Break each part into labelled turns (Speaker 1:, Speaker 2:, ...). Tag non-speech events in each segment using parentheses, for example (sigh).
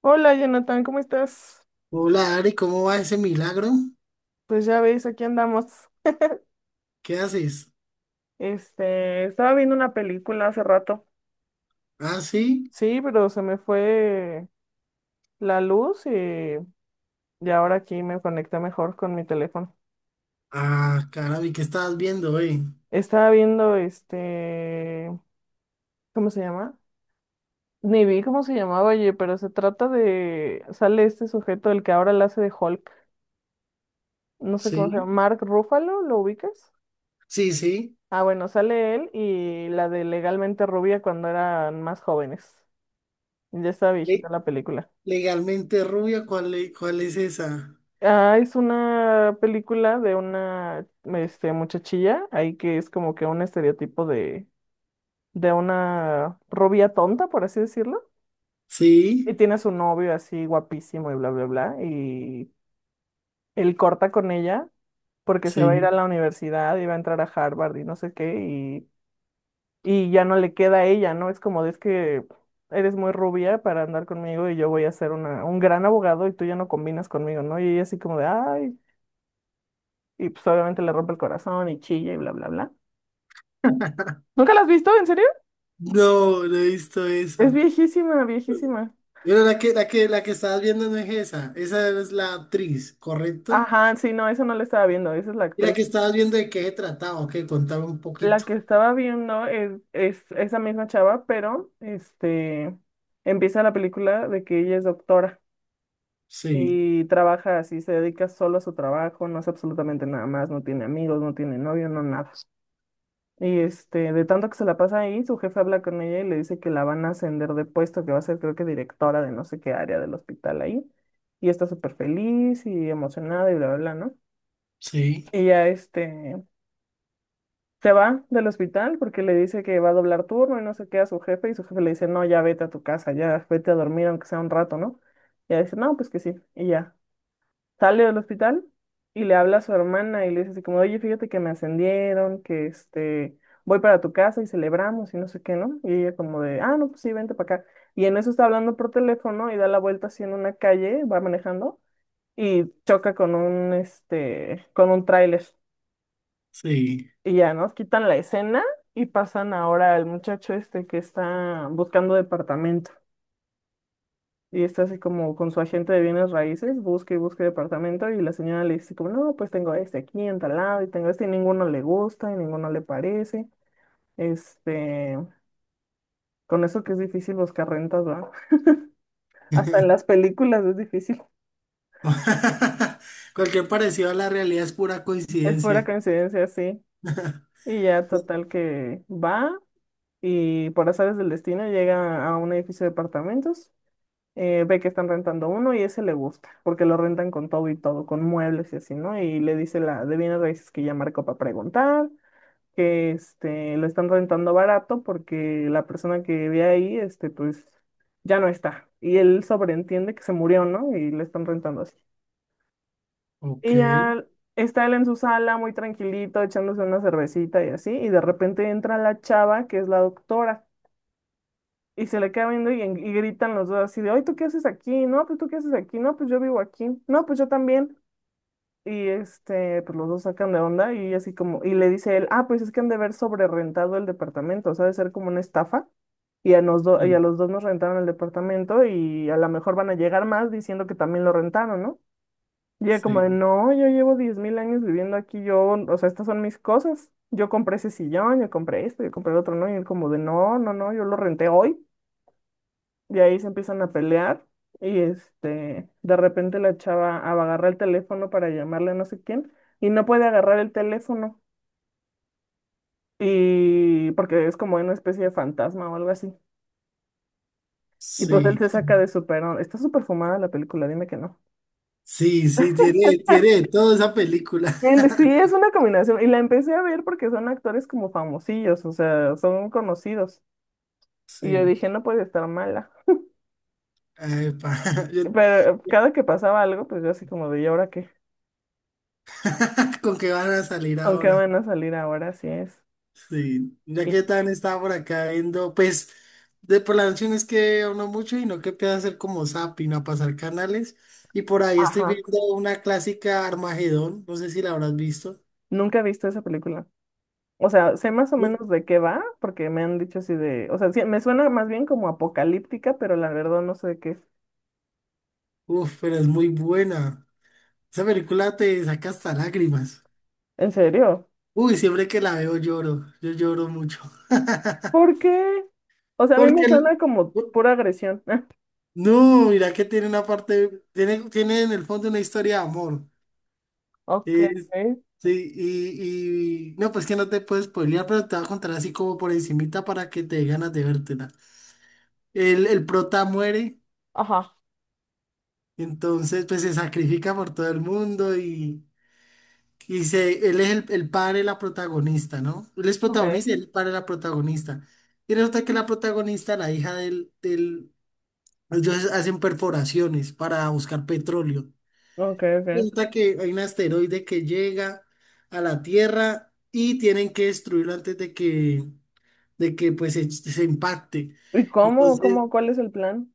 Speaker 1: Hola Jonathan, ¿cómo estás?
Speaker 2: Hola Ari, ¿cómo va ese milagro?
Speaker 1: Pues ya ves, aquí andamos.
Speaker 2: ¿Qué haces?
Speaker 1: Estaba viendo una película hace rato.
Speaker 2: Ah, sí.
Speaker 1: Sí, pero se me fue la luz y ahora aquí me conecté mejor con mi teléfono.
Speaker 2: Ah, caramba, ¿y qué estabas viendo, eh?
Speaker 1: Estaba viendo ¿cómo se llama? Ni vi cómo se llamaba, oye, pero se trata de, sale este sujeto, el que ahora la hace de Hulk. No sé cómo se
Speaker 2: Sí,
Speaker 1: llama, Mark Ruffalo, ¿lo ubicas?
Speaker 2: sí, sí.
Speaker 1: Ah, bueno, sale él y la de Legalmente Rubia cuando eran más jóvenes. Ya está viejita
Speaker 2: Le-
Speaker 1: la película.
Speaker 2: legalmente rubia, ¿cuál es esa?
Speaker 1: Ah, es una película de una muchachilla, ahí que es como que un estereotipo de una rubia tonta, por así decirlo. Y
Speaker 2: Sí,
Speaker 1: tiene a su novio así guapísimo y bla, bla, bla. Y él corta con ella porque se va a ir a
Speaker 2: sí.
Speaker 1: la universidad y va a entrar a Harvard y no sé qué. Y ya no le queda a ella, ¿no? Es como de es que eres muy rubia para andar conmigo y yo voy a ser una, un gran abogado y tú ya no combinas conmigo, ¿no? Y ella así como de, ay. Y pues obviamente le rompe el corazón y chilla y bla, bla, bla. ¿Nunca la has visto? ¿En serio?
Speaker 2: No, no he visto
Speaker 1: Es
Speaker 2: esa.
Speaker 1: viejísima, viejísima.
Speaker 2: Pero la que estabas viendo no es esa. Esa es la actriz, ¿correcto?
Speaker 1: Ajá, sí, no, eso no la estaba viendo, esa es la
Speaker 2: Y la
Speaker 1: actriz.
Speaker 2: que estabas viendo de qué se trataba, ok, contaba un
Speaker 1: La
Speaker 2: poquito.
Speaker 1: que estaba viendo es esa misma chava, pero empieza la película de que ella es doctora
Speaker 2: Sí,
Speaker 1: y trabaja así, se dedica solo a su trabajo, no hace absolutamente nada más, no tiene amigos, no tiene novio, no nada. Y de tanto que se la pasa ahí, su jefe habla con ella y le dice que la van a ascender de puesto, que va a ser creo que directora de no sé qué área del hospital ahí. Y está súper feliz y emocionada y bla, bla, bla, ¿no?
Speaker 2: sí,
Speaker 1: Y ya se va del hospital porque le dice que va a doblar turno y no sé qué a su jefe y su jefe le dice, no, ya vete a tu casa, ya vete a dormir aunque sea un rato, ¿no? Y ella dice, no, pues que sí. Y ya, sale del hospital y le habla a su hermana y le dice así como, oye, fíjate que me ascendieron, que voy para tu casa y celebramos y no sé qué, ¿no? Y ella como de, ah, no, pues sí, vente para acá. Y en eso está hablando por teléfono y da la vuelta así en una calle, va manejando y choca con un, con un tráiler.
Speaker 2: sí.
Speaker 1: Y ya, ¿no? Quitan la escena y pasan ahora al muchacho este que está buscando departamento. Y está así como con su agente de bienes raíces, busca y busca departamento y la señora le dice como, no, pues tengo este aquí en tal lado y tengo este y ninguno le gusta y ninguno le parece. Este, con eso que es difícil buscar rentas, ¿verdad? (laughs) Hasta en
Speaker 2: (laughs)
Speaker 1: las películas es difícil. (laughs)
Speaker 2: (laughs) Cualquier parecido a la realidad es pura
Speaker 1: Es pura
Speaker 2: coincidencia.
Speaker 1: coincidencia, sí. Y ya total que va y por azares del destino llega a un edificio de apartamentos ve que están rentando uno y ese le gusta, porque lo rentan con todo y todo, con muebles y así, ¿no? Y le dice la de bienes raíces que ya marcó para preguntar, que lo están rentando barato porque la persona que ve ahí, pues ya no está. Y él sobreentiende que se murió, ¿no? Y le están rentando así.
Speaker 2: Ok,
Speaker 1: Y ya está él en su sala muy tranquilito, echándose una cervecita y así, y de repente entra la chava, que es la doctora y se le queda viendo y, y gritan los dos así de, ay, ¿tú qué haces aquí? No, pues tú qué haces aquí, no, pues yo vivo aquí, no, pues yo también. Y pues los dos sacan de onda y así como, y le dice él, ah, pues es que han de haber sobrerrentado el departamento, o sea, de ser como una estafa. Y y a
Speaker 2: sí,
Speaker 1: los dos nos rentaron el departamento y a lo mejor van a llegar más diciendo que también lo rentaron, ¿no? Y ella como de,
Speaker 2: sí,
Speaker 1: no, yo llevo 10.000 años viviendo aquí, yo, o sea, estas son mis cosas. Yo compré ese sillón, yo compré esto, yo compré el otro, ¿no? Y él como de, no, no, no, yo lo renté hoy. Y ahí se empiezan a pelear y de repente la chava agarra el teléfono para llamarle a no sé quién y no puede agarrar el teléfono y porque es como una especie de fantasma o algo así. Y pues él
Speaker 2: sí,
Speaker 1: se saca de su perón. Está súper fumada la película, dime que no.
Speaker 2: sí, sí, tiene, tiene de todo esa película.
Speaker 1: Sí,
Speaker 2: (laughs)
Speaker 1: es una combinación. Y la empecé a ver porque son actores como famosillos, o sea, son conocidos. Y yo
Speaker 2: Sí,
Speaker 1: dije, no puede estar mala.
Speaker 2: epa, (laughs) yo-
Speaker 1: Pero cada que pasaba algo, pues yo así como de, ¿y ahora qué?
Speaker 2: (laughs) ¿Con qué van a salir
Speaker 1: ¿Con qué
Speaker 2: ahora?
Speaker 1: van a salir ahora? Así es.
Speaker 2: Sí, ya
Speaker 1: Y,
Speaker 2: que tan estaba por acá viendo, pues, de por la noche no es que uno mucho y no que pueda hacer como zapping a pasar canales. Y por ahí estoy
Speaker 1: ajá.
Speaker 2: viendo una clásica Armagedón, no sé si la habrás visto.
Speaker 1: Nunca he visto esa película. O sea, sé más o menos de qué va, porque me han dicho así de, o sea, sí, me suena más bien como apocalíptica, pero la verdad no sé de qué es.
Speaker 2: Uf, pero es muy buena. Esa película te saca hasta lágrimas.
Speaker 1: ¿En serio?
Speaker 2: Uy, siempre que la veo lloro. Yo lloro mucho. (laughs)
Speaker 1: ¿Por qué? O sea, a mí me
Speaker 2: Porque el-
Speaker 1: suena como pura agresión. (laughs)
Speaker 2: No, mira que tiene una parte, tiene, tiene en el fondo una historia de amor.
Speaker 1: Ok.
Speaker 2: Es- sí, no, pues que no te puedes spoilear, pero te voy a contar así como por encimita para que te dé ganas de vértela. El prota muere,
Speaker 1: Ajá.
Speaker 2: entonces pues se sacrifica por todo el mundo. Y él es el padre de la protagonista, ¿no? Él es
Speaker 1: Ok.
Speaker 2: protagonista y él es el padre de la protagonista. Y resulta que la protagonista, la hija del... Ellos hacen perforaciones para buscar petróleo.
Speaker 1: Ok, ok.
Speaker 2: Resulta que hay un asteroide que llega a la Tierra y tienen que destruirlo antes de que pues, se impacte.
Speaker 1: ¿Y cómo,
Speaker 2: Entonces,
Speaker 1: cómo, cuál es el plan?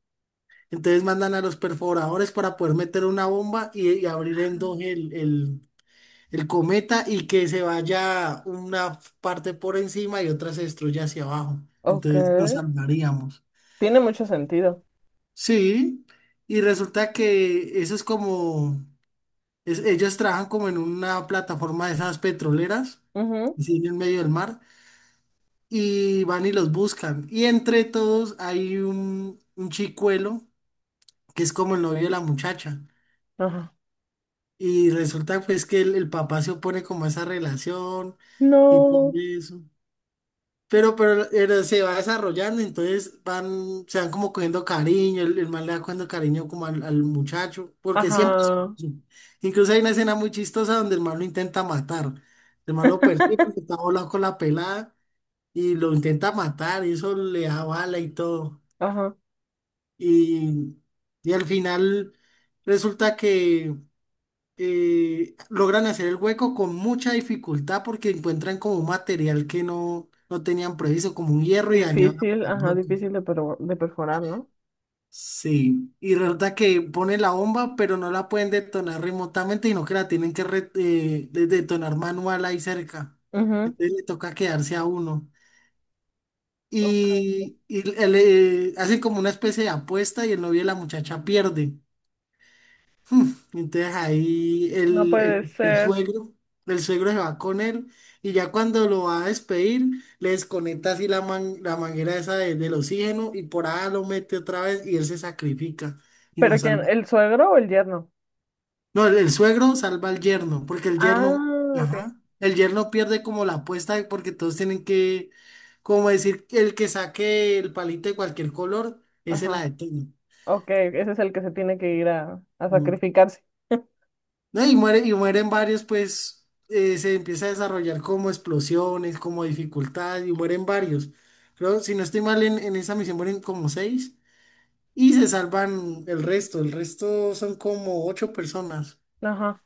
Speaker 2: entonces mandan a los perforadores para poder meter una bomba y abrir en dos el cometa y que se vaya una parte por encima y otra se destruya hacia abajo.
Speaker 1: Ok.
Speaker 2: Entonces nos salvaríamos.
Speaker 1: Tiene mucho sentido.
Speaker 2: Sí, y resulta que eso es como, ellos trabajan como en una plataforma de esas petroleras,
Speaker 1: Ujú.
Speaker 2: así en el medio del mar, y van y los buscan. Y entre todos hay un chicuelo que es como el novio de la muchacha.
Speaker 1: Ajá.
Speaker 2: Y resulta pues que el papá se opone como a esa relación y todo
Speaker 1: No.
Speaker 2: eso. Pero se va desarrollando, entonces van, se van como cogiendo cariño, el man le va cogiendo cariño como al muchacho, porque siempre,
Speaker 1: Ajá.
Speaker 2: incluso hay una escena muy chistosa donde el man lo intenta matar, el man lo persigue porque
Speaker 1: (laughs)
Speaker 2: está volando con la pelada y lo intenta matar, y eso le da bala y todo,
Speaker 1: Ajá.
Speaker 2: y, y al final resulta que logran hacer el hueco con mucha dificultad porque encuentran como un material que no, no tenían previsto, como un hierro y dañado
Speaker 1: Difícil,
Speaker 2: a
Speaker 1: ajá,
Speaker 2: bloques.
Speaker 1: difícil de, de perforar, ¿no?
Speaker 2: Sí, y resulta que pone la bomba, pero no la pueden detonar remotamente, sino que la tienen que detonar manual ahí cerca. Entonces le toca quedarse a uno.
Speaker 1: Ujú.
Speaker 2: Y, hacen como una especie de apuesta y el novio de la muchacha pierde. Entonces ahí
Speaker 1: No
Speaker 2: el,
Speaker 1: puede
Speaker 2: el, el
Speaker 1: ser.
Speaker 2: suegro, el suegro se va con él y ya cuando lo va a despedir, le desconecta así la manguera esa del oxígeno y por ahí lo mete otra vez y él se sacrifica y no
Speaker 1: ¿Pero quién?
Speaker 2: salva.
Speaker 1: ¿El suegro o el yerno?
Speaker 2: No, el suegro salva al yerno, porque el yerno,
Speaker 1: Ah, ok.
Speaker 2: ajá, el yerno pierde como la apuesta porque todos tienen que, como decir, el que saque el palito de cualquier color, ese la
Speaker 1: Ajá.
Speaker 2: detiene.
Speaker 1: Ok, ese es el que se tiene que ir a sacrificarse. (laughs)
Speaker 2: ¿No? Y muere, y mueren varios, pues se empieza a desarrollar como explosiones, como dificultad, y mueren varios. Creo, si no estoy mal, en esa misión mueren como seis y se salvan el resto. El resto son como ocho personas,
Speaker 1: Ajá.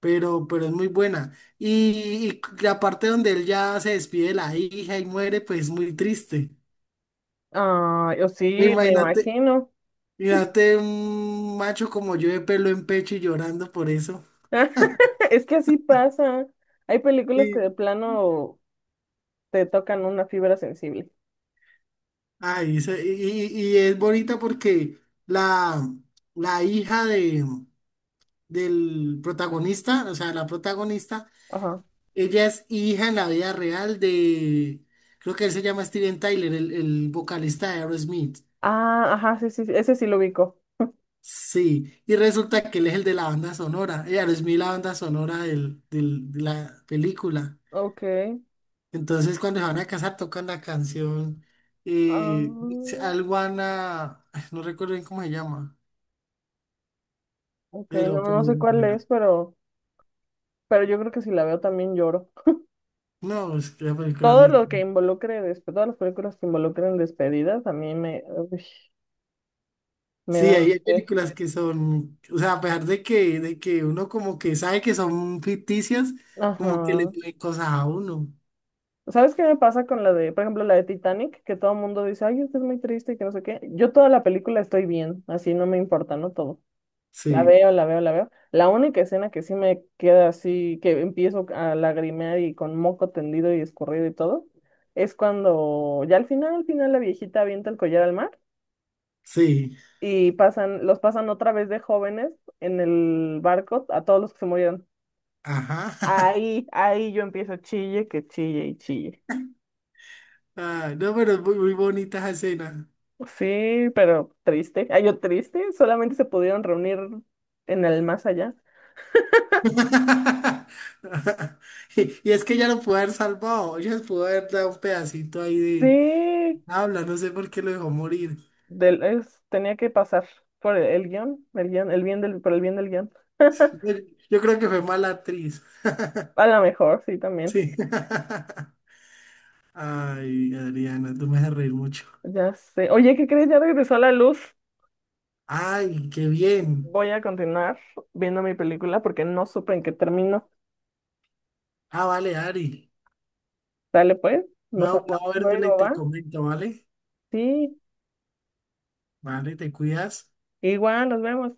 Speaker 2: pero es muy buena. Y la parte donde él ya se despide de la hija y muere, pues es muy triste.
Speaker 1: Ah, yo sí, me
Speaker 2: Imagínate,
Speaker 1: imagino.
Speaker 2: imagínate un macho como yo de pelo en pecho y llorando por eso.
Speaker 1: (laughs) Es que así pasa. Hay películas que de plano te tocan una fibra sensible.
Speaker 2: Ay, y es bonita porque la, la hija de, del protagonista, o sea, la protagonista,
Speaker 1: Ajá.
Speaker 2: ella es hija en la vida real de, creo que él se llama Steven Tyler, el vocalista de Aerosmith.
Speaker 1: Ah, ajá, sí, sí, sí, ese sí lo ubico.
Speaker 2: Sí, y resulta que él es el de la banda sonora, y Aerosmith la banda sonora de la película.
Speaker 1: Ok.
Speaker 2: Entonces, cuando se van a casar, tocan la canción, eh,
Speaker 1: Ah,
Speaker 2: Alguana, no recuerdo bien cómo se llama.
Speaker 1: ok, no,
Speaker 2: Pero
Speaker 1: no sé cuál
Speaker 2: bueno,
Speaker 1: es, pero yo creo que si la veo también lloro.
Speaker 2: no, es que la película
Speaker 1: Todo
Speaker 2: muy...
Speaker 1: lo que involucre, todas las películas que involucren despedidas, a mí me, uy, me
Speaker 2: Sí,
Speaker 1: dan...
Speaker 2: hay hay
Speaker 1: eh,
Speaker 2: películas que son, o sea, a pesar de de que uno como que sabe que son ficticias, como que le
Speaker 1: Ajá.
Speaker 2: piden cosas a uno.
Speaker 1: ¿Sabes qué me pasa con la de, por ejemplo, la de Titanic? Que todo el mundo dice, ay, esta es muy triste y que no sé qué. Yo toda la película estoy bien, así no me importa, ¿no? Todo.
Speaker 2: Sí,
Speaker 1: La veo. La única escena que sí me queda así, que empiezo a lagrimear y con moco tendido y escurrido y todo, es cuando ya al final la viejita avienta el collar al mar.
Speaker 2: sí,
Speaker 1: Y pasan, los pasan otra vez de jóvenes en el barco a todos los que se murieron.
Speaker 2: ajá. (laughs)
Speaker 1: Ahí yo empiezo chille, que chille y chille.
Speaker 2: Ah, no, pero es muy, muy bonita esa escena.
Speaker 1: Sí, pero triste. Ay, yo triste, solamente se pudieron reunir en el más allá.
Speaker 2: (laughs) Y, y es que ya lo pudo haber salvado, ella pudo haber dado un pedacito ahí de
Speaker 1: Sí,
Speaker 2: habla, no sé por qué lo dejó morir.
Speaker 1: tenía que pasar por el guión, el guión, el bien del, por el bien del guión. (laughs)
Speaker 2: Yo yo creo que fue mala actriz. (laughs)
Speaker 1: A lo mejor, sí, también.
Speaker 2: Sí. (laughs) Ay, Adriana, tú me haces reír mucho.
Speaker 1: Ya sé. Oye, ¿qué crees? Ya regresó la luz.
Speaker 2: Ay, qué bien.
Speaker 1: Voy a continuar viendo mi película porque no supe en qué terminó.
Speaker 2: Ah, vale, Ari.
Speaker 1: Dale pues, nos
Speaker 2: No, voy
Speaker 1: hablamos
Speaker 2: a vérmela y
Speaker 1: luego,
Speaker 2: te
Speaker 1: ¿va?
Speaker 2: comento, ¿vale?
Speaker 1: Sí,
Speaker 2: Vale, te cuidas.
Speaker 1: igual, nos vemos.